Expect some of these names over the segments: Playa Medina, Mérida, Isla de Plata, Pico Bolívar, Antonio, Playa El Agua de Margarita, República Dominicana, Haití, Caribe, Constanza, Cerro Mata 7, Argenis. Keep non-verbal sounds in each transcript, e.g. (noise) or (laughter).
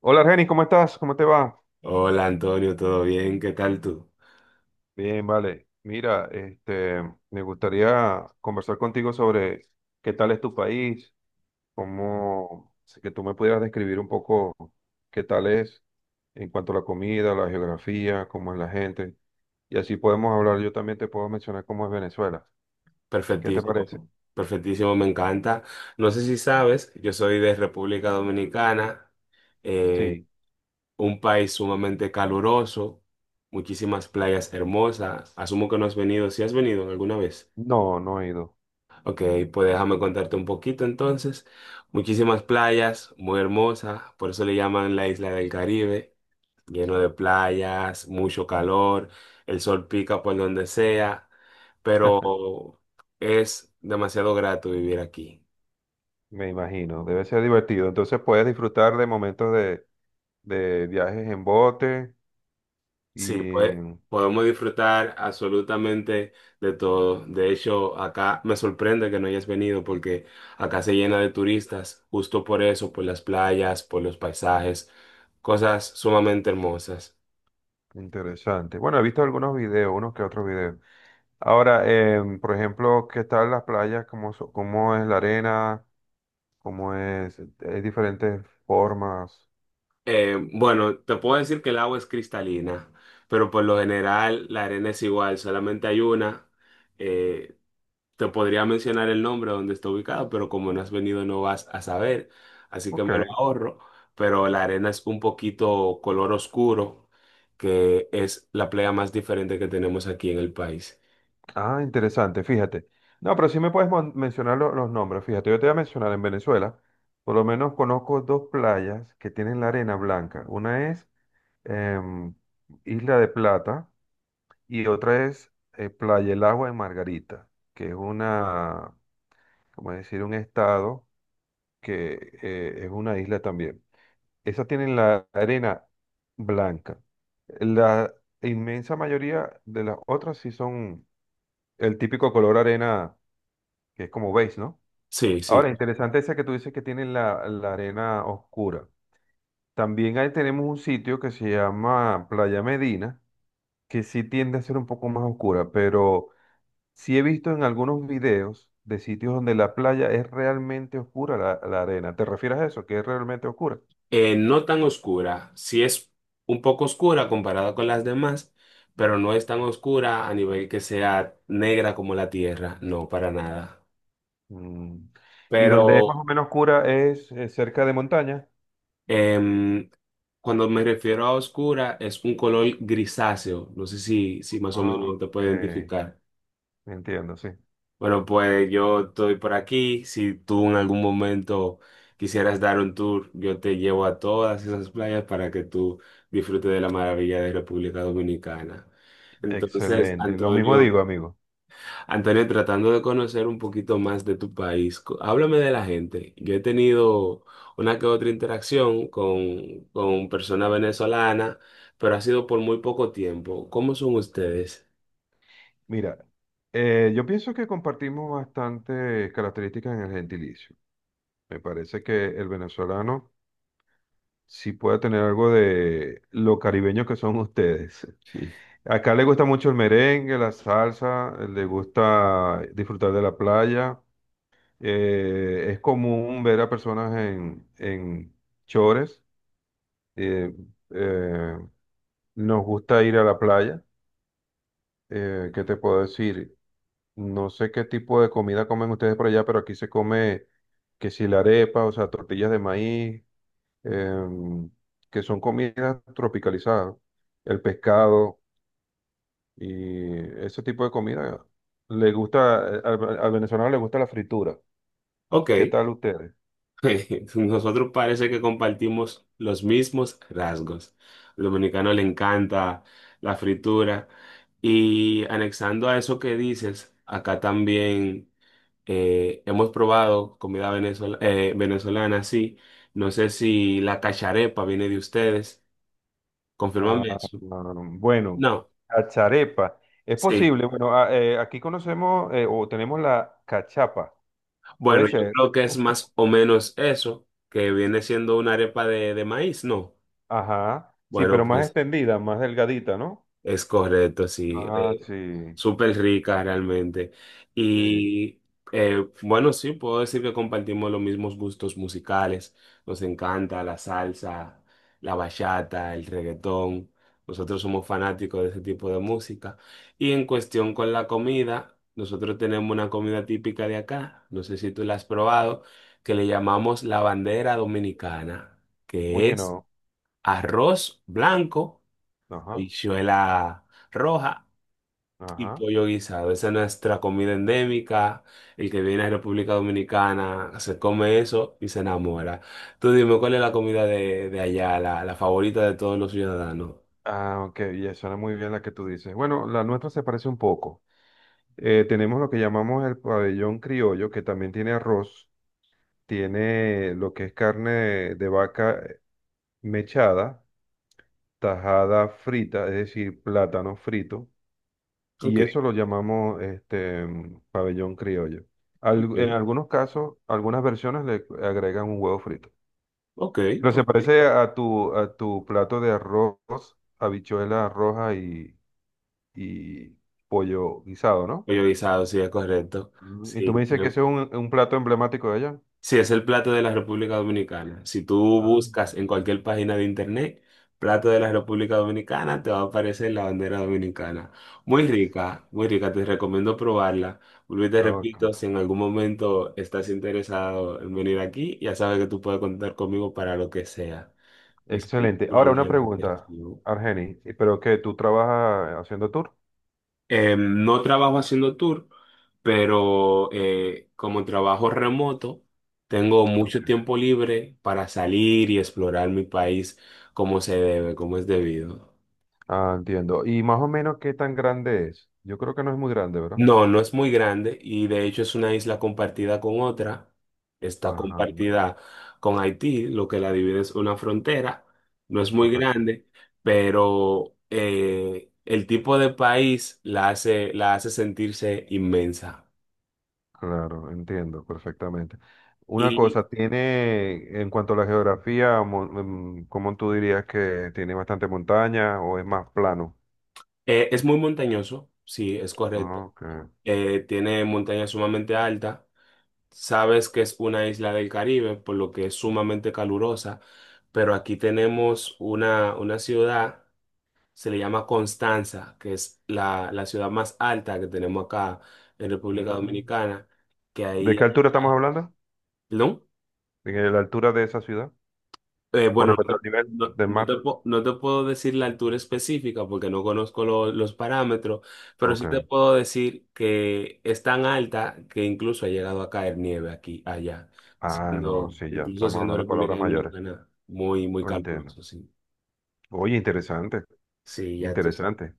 Hola, Argenis, ¿cómo estás? ¿Cómo te va? Hola Antonio, ¿todo bien? ¿Qué tal tú? Bien, vale. Mira, me gustaría conversar contigo sobre qué tal es tu país, cómo, si que tú me pudieras describir un poco qué tal es en cuanto a la comida, la geografía, cómo es la gente. Y así podemos hablar. Yo también te puedo mencionar cómo es Venezuela. ¿Qué te parece? Perfectísimo, perfectísimo, me encanta. No sé si sabes, yo soy de República Dominicana, eh, Sí. un país sumamente caluroso, muchísimas playas hermosas. Asumo que no has venido, si has venido alguna vez. No, no he ido. Ok, pues déjame contarte un poquito entonces. Muchísimas playas, muy hermosas, por eso le llaman la isla del Caribe. Lleno de playas, mucho calor, el sol pica por donde sea, pero es demasiado grato vivir aquí. Me imagino. Debe ser divertido. Entonces puedes disfrutar de momentos de viajes en bote Sí, pues y podemos disfrutar absolutamente de todo. De hecho, acá me sorprende que no hayas venido porque acá se llena de turistas, justo por eso, por las playas, por los paisajes, cosas sumamente hermosas. interesante. Bueno, he visto algunos videos, unos que otros videos. Ahora, por ejemplo, ¿qué tal las playas? ¿Cómo, cómo es la arena? ¿Cómo es? Hay diferentes formas. Bueno, te puedo decir que el agua es cristalina, pero por lo general la arena es igual, solamente hay una. Eh, te podría mencionar el nombre donde está ubicado, pero como no has venido no vas a saber, así que me lo Ok. ahorro. Pero la arena es un poquito color oscuro, que es la playa más diferente que tenemos aquí en el país. Ah, interesante, fíjate. No, pero sí me puedes mencionar los nombres. Fíjate, yo te voy a mencionar en Venezuela, por lo menos conozco dos playas que tienen la arena blanca. Una es em, Isla de Plata y otra es Playa El Agua de Margarita, que es una como decir, un estado que es una isla también. Esas tienen la arena blanca. La inmensa mayoría de las otras sí son el típico color arena, que es como beige, ¿no? Sí, Ahora, sí. interesante esa que tú dices que tienen la arena oscura. También ahí tenemos un sitio que se llama Playa Medina, que sí tiende a ser un poco más oscura, pero sí he visto en algunos videos de sitios donde la playa es realmente oscura, la arena. ¿Te refieres a eso? ¿Que es realmente oscura? No tan oscura, sí es un poco oscura comparada con las demás, pero no es tan oscura a nivel que sea negra como la tierra, no, para nada. Mm. Y donde es Pero más o menos oscura es cerca de montaña. em, cuando me refiero a oscura, es un color grisáceo, no sé si más o Ah, menos te puede ok. identificar. Entiendo, sí. Bueno, pues yo estoy por aquí. Si tú en algún momento quisieras dar un tour, yo te llevo a todas esas playas para que tú disfrutes de la maravilla de República Dominicana. Entonces, Excelente. Lo mismo Antonio, digo, amigo. Antonio, tratando de conocer un poquito más de tu país, háblame de la gente. Yo he tenido una que otra interacción con personas venezolanas, pero ha sido por muy poco tiempo. ¿Cómo son ustedes? Mira, yo pienso que compartimos bastantes características en el gentilicio. Me parece que el venezolano sí puede tener algo de lo caribeño que son ustedes. (laughs) Acá le gusta mucho el merengue, la salsa, le gusta disfrutar de la playa. Es común ver a personas en chores. eh, eh, nos gusta ir a la playa. ¿Qué te puedo decir? No sé qué tipo de comida comen ustedes por allá, pero aquí se come que si la arepa, o sea, tortillas de maíz, em, que son comidas tropicalizadas. El pescado. Y ese tipo de comida le gusta, al venezolano le gusta la fritura. Ok. ¿Qué tal ustedes? (laughs) Nosotros parece que compartimos los mismos rasgos. Al dominicano le encanta la fritura. Y anexando a eso que dices, acá también hemos probado comida venezolana, sí. No sé si la cacharepa viene de ustedes. Confírmame eso. Bueno, No, cacharepa. Es sí. posible, bueno, aquí conocemos o tenemos la cachapa. Puede Bueno, yo ser. creo que es más o menos eso, que viene siendo una arepa de maíz, ¿no? Ajá. Sí, Bueno, pero más pues. extendida, más delgadita, ¿no? Es correcto, sí. Ah, sí, Súper rica realmente. sí. Y bueno, sí, puedo decir que compartimos los mismos gustos musicales. Nos encanta la salsa, la bachata, el reggaetón. Nosotros somos fanáticos de ese tipo de música. Y en cuestión con la comida, nosotros tenemos una comida típica de acá, no sé si tú la has probado, que le llamamos la bandera dominicana, que Oye, es no. arroz blanco, Ajá, habichuela roja y ajá. pollo guisado. Esa es nuestra comida endémica. El que viene a República Dominicana se come eso y se enamora. Tú dime, ¿cuál es la comida de allá, la favorita de todos los ciudadanos? Ah, ok, ya suena muy bien la que tú dices. Bueno, la nuestra se parece un poco. Tenemos lo que llamamos el pabellón criollo, que también tiene arroz, tiene lo que es carne de vaca mechada, tajada frita, es decir, plátano frito, Ok, y eso lo llamamos este pabellón criollo. ok, En algunos casos, algunas versiones le agregan un huevo frito. ok, Pero se ok. parece a a tu plato de arroz, habichuela roja y pollo guisado, ¿no? Pollo guisado, sí, es correcto. Mm. Y Sí, tú me dices que ese es un plato emblemático de allá. sí, es el plato de la República Dominicana. Si tú Ah, buscas en cualquier interesante. página de internet, plato de la República Dominicana, te va a aparecer la bandera dominicana. Muy rica, te recomiendo probarla. Vuelvo y te Ok. repito, si en algún momento estás interesado en venir aquí, ya sabes que tú puedes contar conmigo para lo que sea. Es un Excelente. Ahora una problema que pregunta, recibo. Argeni, ¿y pero qué? ¿Tú trabajas haciendo tour? No trabajo haciendo tour, pero como trabajo remoto, tengo Ok. mucho tiempo libre para salir y explorar mi país como se debe, como es debido. Ah, entiendo. ¿Y más o menos qué tan grande es? Yo creo que no es muy grande, ¿verdad? No, no es muy grande y de hecho es una isla compartida con otra. Está Ajá, compartida con Haití, lo que la divide es una frontera. No es muy correcto. grande, pero el tipo de país la hace sentirse inmensa. Claro, entiendo perfectamente. Una Y cosa, tiene, en cuanto a la geografía, ¿cómo tú dirías que tiene bastante montaña o es más plano? Es muy montañoso, sí, es correcto. Ah, ok. Tiene montañas sumamente altas. Sabes que es una isla del Caribe, por lo que es sumamente calurosa, pero aquí tenemos una ciudad, se le llama Constanza, que es la ciudad más alta que tenemos acá en República Mm. Dominicana, que ¿De ahí... qué altura estamos hablando? ¿Perdón? ¿De la altura de esa ciudad? Con Bueno, respecto al nivel del mar. No te puedo decir la altura específica porque no conozco los parámetros, pero Ok. sí te puedo decir que es tan alta que incluso ha llegado a caer nieve aquí, allá, Ah, no, sí, ya incluso estamos siendo hablando de República palabras mayores. Dominicana muy, muy Lo entiendo. caluroso, sí. Oye, interesante, Sí, ya tú, interesante.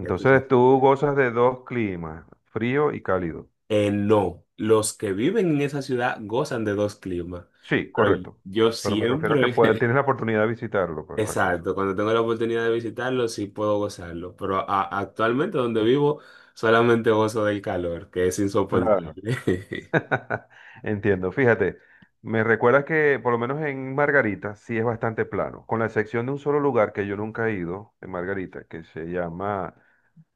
ya tú sabes. tú gozas de dos climas, frío y cálido. No, los que viven en esa ciudad gozan de dos climas, Sí, pero correcto. yo Pero me refiero a que puedes, siempre, tienes (laughs) la oportunidad de visitarlo, pues, exacto. Exacto, cuando tengo la oportunidad de visitarlo, sí puedo gozarlo, pero actualmente donde vivo solamente gozo del calor, que es Claro. insoportable. (laughs) (laughs) Entiendo. Fíjate, me recuerda que por lo menos en Margarita sí es bastante plano, con la excepción de un solo lugar que yo nunca he ido, en Margarita, que se llama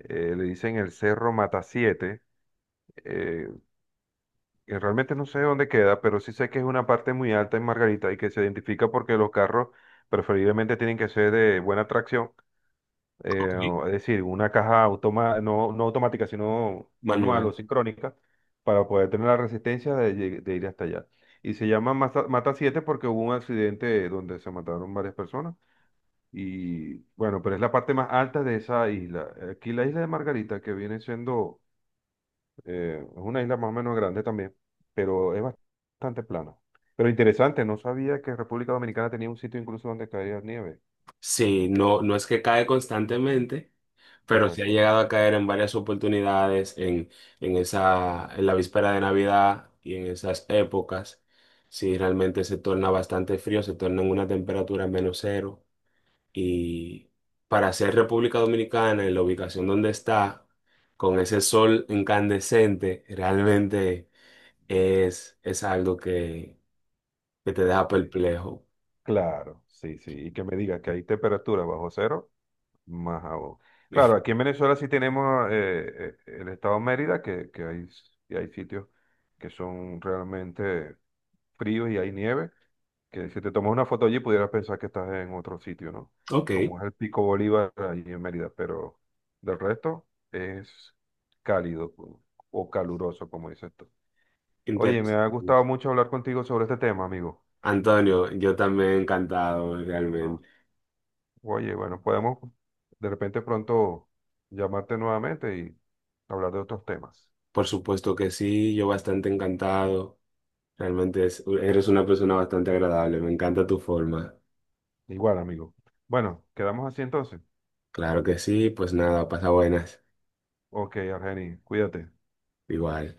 le dicen el Cerro Mata 7, y realmente no sé dónde queda, pero sí sé que es una parte muy alta en Margarita y que se identifica porque los carros preferiblemente tienen que ser de buena tracción, Ok. Es decir, una caja automa no, no automática, sino manual o Manuel, sincrónica, para poder tener la resistencia de, de ir hasta allá. Y se llama Mata, Mata 7 porque hubo un accidente donde se mataron varias personas. Y bueno, pero es la parte más alta de esa isla. Aquí la isla de Margarita, que viene siendo es una isla más o menos grande también, pero es bastante plana. Pero interesante, no sabía que República Dominicana tenía un sitio incluso donde caía nieve. sí, Eh, no, no es que cae constantemente, pero sí ha correcto. llegado a caer en varias oportunidades en, en la víspera de Navidad y en esas épocas. Sí, realmente se torna bastante frío, se torna en una temperatura menos cero. Y para ser República Dominicana, en la ubicación donde está, con ese sol incandescente, realmente es algo que te deja Sí. perplejo. Claro, sí, sí. Y que me digas que hay temperatura bajo cero, más aún. Claro, aquí (laughs) en Venezuela sí tenemos el estado Mérida, que hay, y hay sitios que son realmente fríos y hay nieve, que si te tomas una foto allí pudieras pensar que estás en otro sitio, ¿no? Ok, Como es el Pico Bolívar allí en Mérida, pero del resto es cálido o caluroso, como dices tú. Oye, me interesante. ha gustado mucho hablar contigo sobre este tema, amigo. Antonio, yo también encantado, Ah, realmente. oye, bueno, podemos de repente pronto llamarte nuevamente y hablar de otros temas. Por supuesto que sí, yo bastante encantado. Realmente eres una persona bastante agradable, me encanta tu forma. Igual, amigo. Bueno, quedamos así entonces. Claro que sí, pues nada, pasa buenas. Ok, Argeni, cuídate. Igual.